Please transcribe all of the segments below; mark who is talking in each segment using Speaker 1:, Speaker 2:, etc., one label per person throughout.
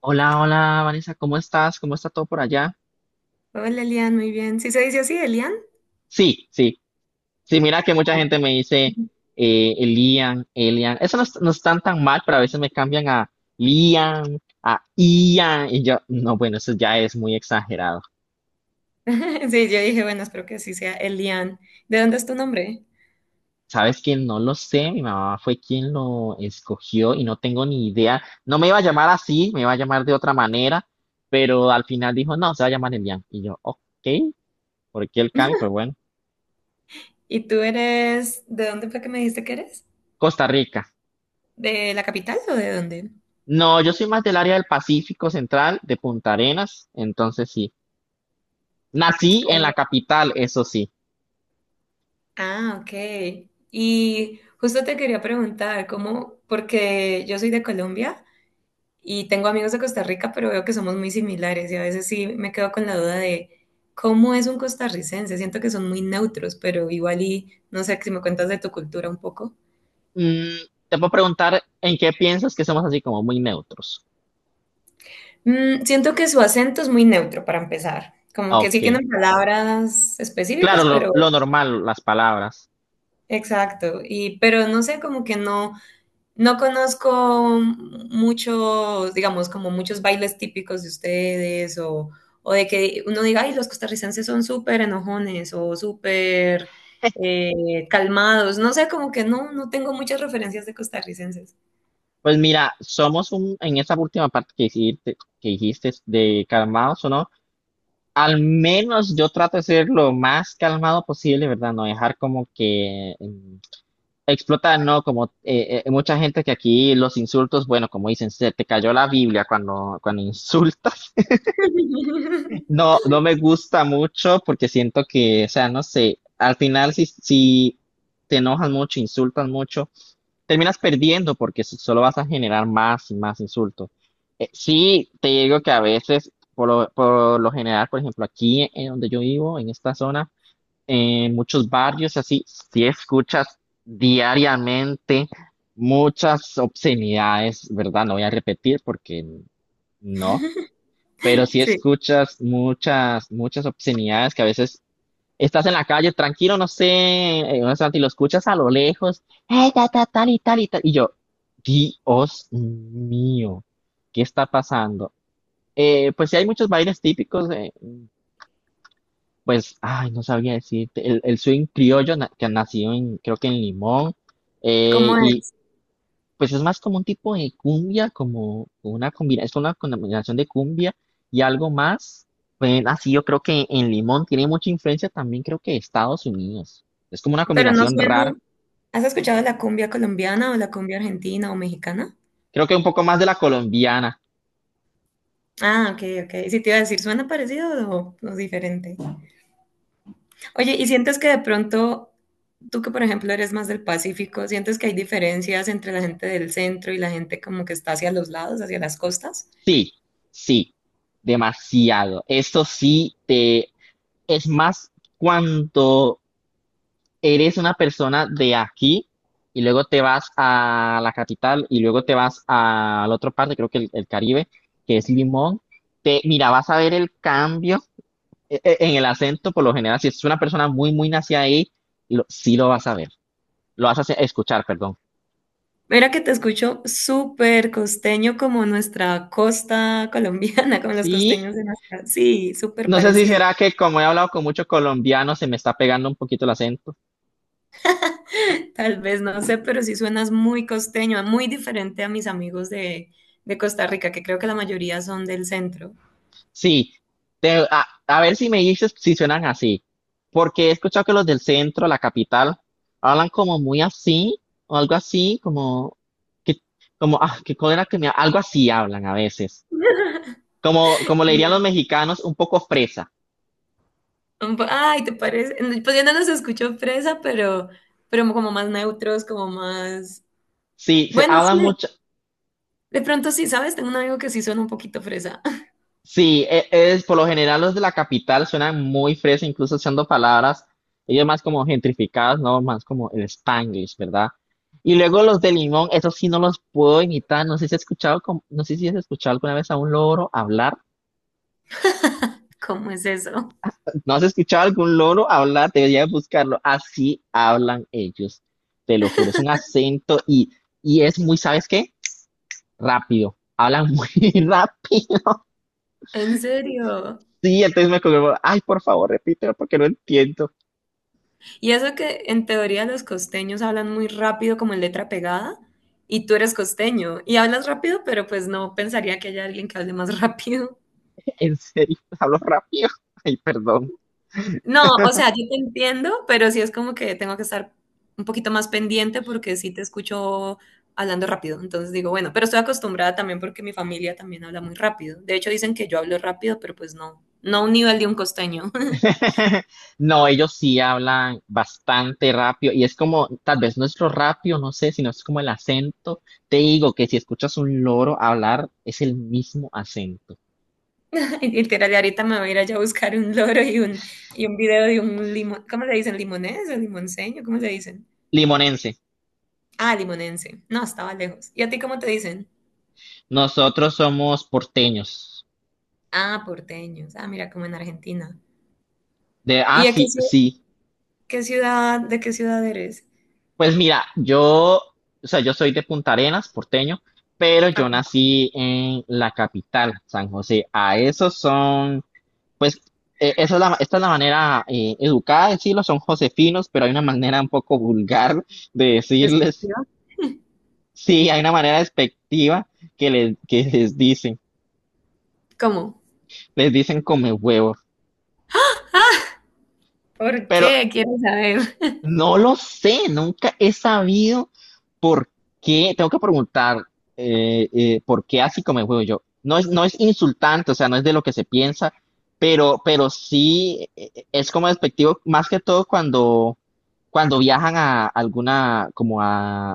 Speaker 1: Hola, hola, Vanessa, ¿cómo estás? ¿Cómo está todo por allá?
Speaker 2: Hola Elian, muy bien. ¿Sí se dice así, Elian?
Speaker 1: Sí, sí, sí, mira que mucha gente me dice Elian, Elian. Eso no, no están tan mal, pero a veces me cambian a Lian, a Ian, y yo, no, bueno, eso ya es muy exagerado.
Speaker 2: Sí, yo dije, bueno, espero que así sea Elian. ¿De dónde es tu nombre?
Speaker 1: ¿Sabes quién No lo sé, mi mamá fue quien lo escogió y no tengo ni idea. No me iba a llamar así, me iba a llamar de otra manera, pero al final dijo, no, se va a llamar Elian. Y yo, ok, ¿por qué el cambio? Pues bueno,
Speaker 2: ¿Y tú eres, de dónde fue que me dijiste que eres?
Speaker 1: Costa Rica.
Speaker 2: ¿De la capital o de dónde?
Speaker 1: No, yo soy más del área del Pacífico Central, de Punta Arenas, entonces sí. Nací en la capital, eso sí.
Speaker 2: Ah, ok. Y justo te quería preguntar, ¿cómo? Porque yo soy de Colombia y tengo amigos de Costa Rica, pero veo que somos muy similares y a veces sí me quedo con la duda de cómo es un costarricense. Siento que son muy neutros, pero igual y no sé si me cuentas de tu cultura un poco.
Speaker 1: Mm, te puedo preguntar en qué piensas que somos así como muy neutros.
Speaker 2: Mm, siento que su acento es muy neutro para empezar. Como
Speaker 1: Ah,
Speaker 2: que sí
Speaker 1: Ok.
Speaker 2: tienen palabras
Speaker 1: Claro,
Speaker 2: específicas,
Speaker 1: lo,
Speaker 2: pero
Speaker 1: lo normal, las palabras.
Speaker 2: exacto. Y pero no sé, como que no, no conozco muchos, digamos, como muchos bailes típicos de ustedes o de que uno diga, ay, los costarricenses son súper enojones o súper calmados. No sé, como que no, no tengo muchas referencias de costarricenses.
Speaker 1: Pues mira, en esa última parte que dijiste de calmados o no, al menos yo trato de ser lo más calmado posible, ¿verdad? No dejar como que explotar, ¿no? Como mucha gente que aquí los insultos, bueno, como dicen, se te cayó la Biblia cuando insultas. No, no me gusta mucho porque siento que, o sea, no sé, al final si te enojas mucho, insultas mucho, terminas perdiendo porque solo vas a generar más y más insultos. Sí, te digo que a veces, por lo general, por ejemplo, aquí en donde yo vivo, en esta zona, en muchos barrios, así, si escuchas diariamente muchas obscenidades, ¿verdad? No voy a repetir porque no, pero si
Speaker 2: Sí,
Speaker 1: escuchas muchas, muchas obscenidades que a veces estás en la calle tranquilo, no sé, en un instante, y lo escuchas a lo lejos, ta, ta, tal y tal y tal, y yo, Dios mío, ¿qué está pasando? Pues sí hay muchos bailes típicos, pues, ay, no sabía decirte. El swing criollo que nació en, creo que en Limón. eh,
Speaker 2: ¿cómo
Speaker 1: y
Speaker 2: es?
Speaker 1: pues es más como un tipo de cumbia, como una combinación es una combinación de cumbia y algo más. Pues así yo creo que en Limón tiene mucha influencia también, creo que de Estados Unidos. Es como una
Speaker 2: Pero no
Speaker 1: combinación
Speaker 2: suena.
Speaker 1: rara.
Speaker 2: ¿Has escuchado la cumbia colombiana o la cumbia argentina o mexicana?
Speaker 1: Creo que un poco más de la colombiana.
Speaker 2: Ah, ok, ok. Sí, te iba a decir, ¿suena parecido o diferente? Oye, ¿y sientes que de pronto, tú que por ejemplo eres más del Pacífico, sientes que hay diferencias entre la gente del centro y la gente como que está hacia los lados, hacia las costas?
Speaker 1: Sí, sí, demasiado. Esto sí te es más cuando eres una persona de aquí y luego te vas a la capital y luego te vas a la otra parte, creo que el Caribe, que es Limón. Mira, vas a ver el cambio en el acento, por lo general, si es una persona muy, muy nacida ahí, sí lo vas a ver, lo vas a escuchar, perdón.
Speaker 2: Mira que te escucho súper costeño como nuestra costa colombiana, como los
Speaker 1: Sí,
Speaker 2: costeños de nuestra... Sí, súper
Speaker 1: no sé si
Speaker 2: parecido.
Speaker 1: será que como he hablado con muchos colombianos, se me está pegando un poquito el acento.
Speaker 2: Tal vez no sé, pero sí suenas muy costeño, muy diferente a mis amigos de Costa Rica, que creo que la mayoría son del centro.
Speaker 1: Sí, a ver si me dices si suenan así, porque he escuchado que los del centro, la capital, hablan como muy así, o algo así, como que, como, ah, que cólera que me, algo así hablan a veces, como le dirían los mexicanos, un poco fresa.
Speaker 2: Un po- Ay, ¿te parece? Pues yo no los escucho fresa, pero como más neutros, como más...
Speaker 1: Sí, se
Speaker 2: Bueno, sí,
Speaker 1: hablan
Speaker 2: de pronto sí, ¿sabes? Tengo un amigo que sí suena un poquito fresa.
Speaker 1: sí, es por lo general los de la capital suenan muy fresas, incluso usando palabras, ellos más como gentrificadas, no más como el Spanglish, ¿verdad? Y luego los de Limón, esos sí no los puedo imitar, no sé si has escuchado alguna vez a un loro hablar,
Speaker 2: ¿Cómo es eso?
Speaker 1: no has escuchado algún loro hablar, deberías buscarlo, así hablan ellos, te lo juro, es un acento y es muy, ¿sabes qué? Rápido, hablan muy rápido,
Speaker 2: ¿En serio?
Speaker 1: sí, entonces me como, ay, por favor, repítelo porque no entiendo.
Speaker 2: Y eso que en teoría los costeños hablan muy rápido como en letra pegada, y tú eres costeño y hablas rápido, pero pues no pensaría que haya alguien que hable más rápido.
Speaker 1: ¿En serio? ¿Hablo rápido? Ay, perdón.
Speaker 2: No, o sea, yo te entiendo, pero sí es como que tengo que estar un poquito más pendiente porque sí te escucho hablando rápido. Entonces digo, bueno, pero estoy acostumbrada también porque mi familia también habla muy rápido. De hecho, dicen que yo hablo rápido, pero pues no, no a un nivel de un costeño.
Speaker 1: No, ellos sí hablan bastante rápido y es como, tal vez nuestro rápido, no sé, sino es como el acento. Te digo que si escuchas un loro hablar, es el mismo acento.
Speaker 2: Literal, y ahorita me voy a ir allá a buscar un loro y un video de un limón. ¿Cómo le dicen? ¿Limonés o limonseño? ¿Cómo le dicen?
Speaker 1: Limonense,
Speaker 2: Ah, limonense. No, estaba lejos. ¿Y a ti cómo te dicen?
Speaker 1: nosotros somos porteños.
Speaker 2: Ah, porteños. Ah, mira, como en Argentina.
Speaker 1: De, ah,
Speaker 2: ¿Y a qué,
Speaker 1: sí,
Speaker 2: ciu-
Speaker 1: sí.
Speaker 2: qué ciudad, de qué ciudad eres?
Speaker 1: Pues mira, yo, o sea, yo soy de Punta Arenas, porteño, pero yo
Speaker 2: Ah,
Speaker 1: nací en la capital, San José. A esos son Pues esa es la, esta es la manera educada de decirlo, son josefinos, pero hay una manera un poco vulgar de
Speaker 2: ¿de esta
Speaker 1: decirles,
Speaker 2: ciudad?
Speaker 1: sí, hay una manera despectiva que les dicen,
Speaker 2: ¿Cómo?
Speaker 1: les dicen come huevos,
Speaker 2: ¿Por
Speaker 1: pero
Speaker 2: qué? Quiero saber.
Speaker 1: no lo sé, nunca he sabido por qué, tengo que preguntar por qué así come huevos yo. No es insultante, o sea, no es de lo que se piensa, pero sí es como despectivo, más que todo cuando viajan a alguna, como a,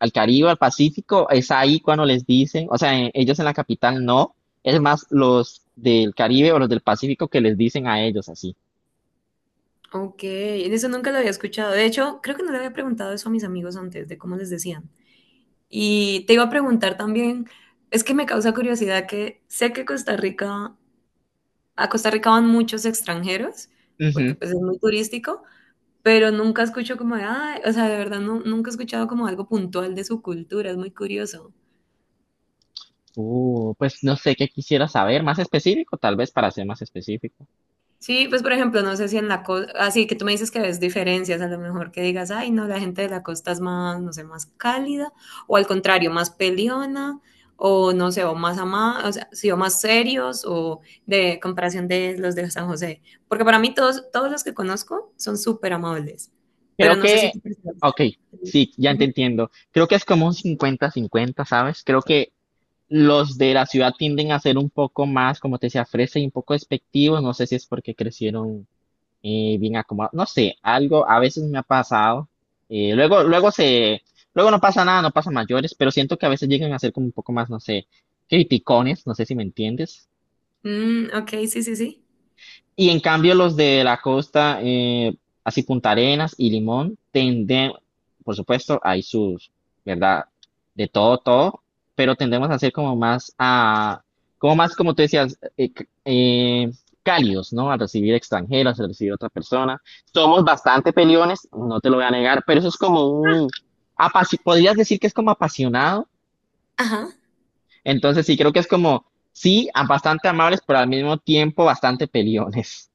Speaker 1: al Caribe, al Pacífico, es ahí cuando les dicen, o sea, ellos en la capital no, es más los del Caribe o los del Pacífico que les dicen a ellos así.
Speaker 2: Ok, eso nunca lo había escuchado. De hecho, creo que no le había preguntado eso a mis amigos antes, de cómo les decían. Y te iba a preguntar también, es que me causa curiosidad que sé que Costa Rica, a Costa Rica van muchos extranjeros, porque
Speaker 1: Ujú.
Speaker 2: pues es muy turístico, pero nunca escucho como de, "Ay", o sea, de verdad no, nunca he escuchado como algo puntual de su cultura, es muy curioso.
Speaker 1: Pues no sé qué quisiera saber, más específico, tal vez para ser más específico.
Speaker 2: Sí, pues por ejemplo, no sé si en la costa, así que tú me dices que ves diferencias, a lo mejor que digas, ay, no, la gente de la costa es más, no sé, más cálida, o al contrario, más peleona, o no sé, o más ama, o sea, sí, o más serios, o de comparación de los de San José. Porque para mí todos, todos los que conozco son súper amables, pero
Speaker 1: Creo
Speaker 2: no sé si
Speaker 1: que,
Speaker 2: tú percibes.
Speaker 1: ok, sí, ya te
Speaker 2: Ujú.
Speaker 1: entiendo. Creo que es como un 50-50, ¿sabes? Creo que los de la ciudad tienden a ser un poco más, como te decía, fresa y un poco despectivos. No sé si es porque crecieron bien acomodado. No sé, algo a veces me ha pasado. eh, luego, luego se, luego no pasa nada, no pasa mayores, pero siento que a veces llegan a ser como un poco más, no sé, criticones, no sé si me entiendes.
Speaker 2: Mm, ok, sí, sí, sí.
Speaker 1: Y en cambio los de la costa, así Punta Arenas y Limón, por supuesto, ¿verdad? De todo, todo, pero tendemos a ser como más como tú decías, cálidos, ¿no? Al recibir extranjeros, al recibir otra persona. Somos bastante peliones, no te lo voy a negar, pero eso es como podrías decir que es como apasionado,
Speaker 2: Ajá.
Speaker 1: entonces sí, creo que es como, sí, bastante amables, pero al mismo tiempo bastante peliones.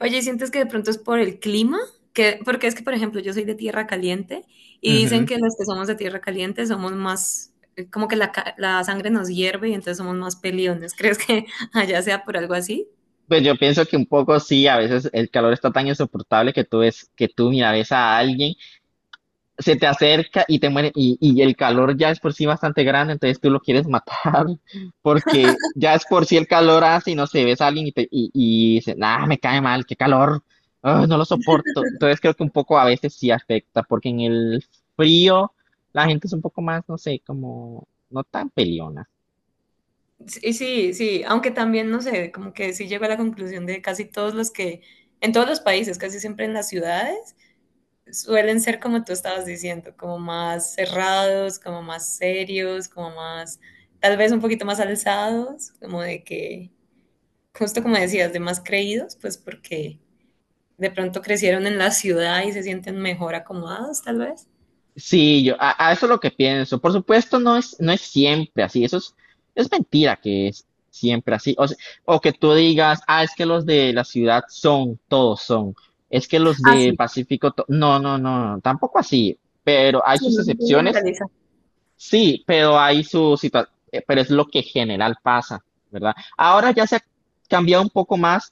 Speaker 2: Oye, ¿sientes que de pronto es por el clima? Que, porque es que, por ejemplo, yo soy de tierra caliente y dicen que los que somos de tierra caliente somos más, como que la, ca- la sangre nos hierve y entonces somos más peliones. ¿Crees que allá sea por algo así?
Speaker 1: Pues yo pienso que un poco sí, a veces el calor está tan insoportable que que tú mira, ves a alguien, se te acerca y te muere, y el calor ya es por sí bastante grande, entonces tú lo quieres matar, porque ya es por sí el calor hace y no sé, ves a alguien y dices, ah, me cae mal, qué calor, ah, no lo soporto. Entonces creo que un poco a veces sí afecta, porque en el frío la gente es un poco más, no sé, como no tan peleona.
Speaker 2: Sí, sí, sí, aunque también, no sé, como que sí llego a la conclusión de casi todos los que, en todos los países, casi siempre en las ciudades, suelen ser como tú estabas diciendo, como más cerrados, como más serios, como más, tal vez un poquito más alzados, como de que... justo como decías, de más creídos, pues porque de pronto crecieron en la ciudad y se sienten mejor acomodados, tal vez.
Speaker 1: Sí, a eso es lo que pienso. Por supuesto, no es siempre así. Eso es mentira que es siempre así. O que tú digas, ah, es que los de la ciudad son, todos son. Es que los
Speaker 2: Ah,
Speaker 1: de
Speaker 2: sí,
Speaker 1: Pacífico, no, no, no, no, tampoco así. Pero hay
Speaker 2: sí,
Speaker 1: sus
Speaker 2: no se puede
Speaker 1: excepciones,
Speaker 2: generalizar.
Speaker 1: sí, pero hay su situación, pero es lo que general pasa, ¿verdad? Ahora ya se ha cambiado un poco más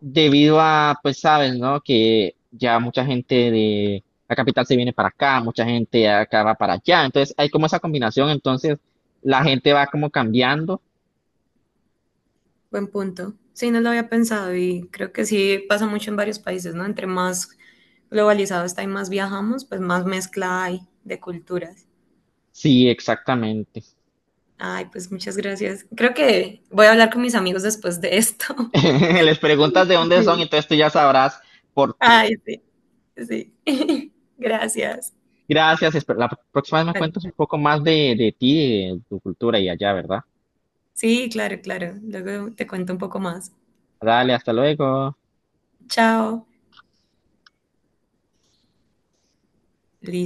Speaker 1: debido a, pues sabes, ¿no? Que ya mucha gente de la capital se viene para acá, mucha gente de acá va para allá, entonces hay como esa combinación, entonces la gente va como cambiando.
Speaker 2: Buen punto. Sí, no lo había pensado y creo que sí pasa mucho en varios países, ¿no? Entre más globalizado está y más viajamos, pues más mezcla hay de culturas.
Speaker 1: Sí, exactamente.
Speaker 2: Ay, pues muchas gracias. Creo que voy a hablar con mis amigos después de esto.
Speaker 1: Les preguntas de dónde son,
Speaker 2: Sí.
Speaker 1: entonces tú ya sabrás por qué.
Speaker 2: Ay, sí, sí. Gracias.
Speaker 1: Gracias, la próxima vez me
Speaker 2: Vale.
Speaker 1: cuentas un poco más de ti, de tu cultura y allá, ¿verdad?
Speaker 2: Sí, claro, claro. Luego te cuento un poco más.
Speaker 1: Dale, hasta luego.
Speaker 2: Chao.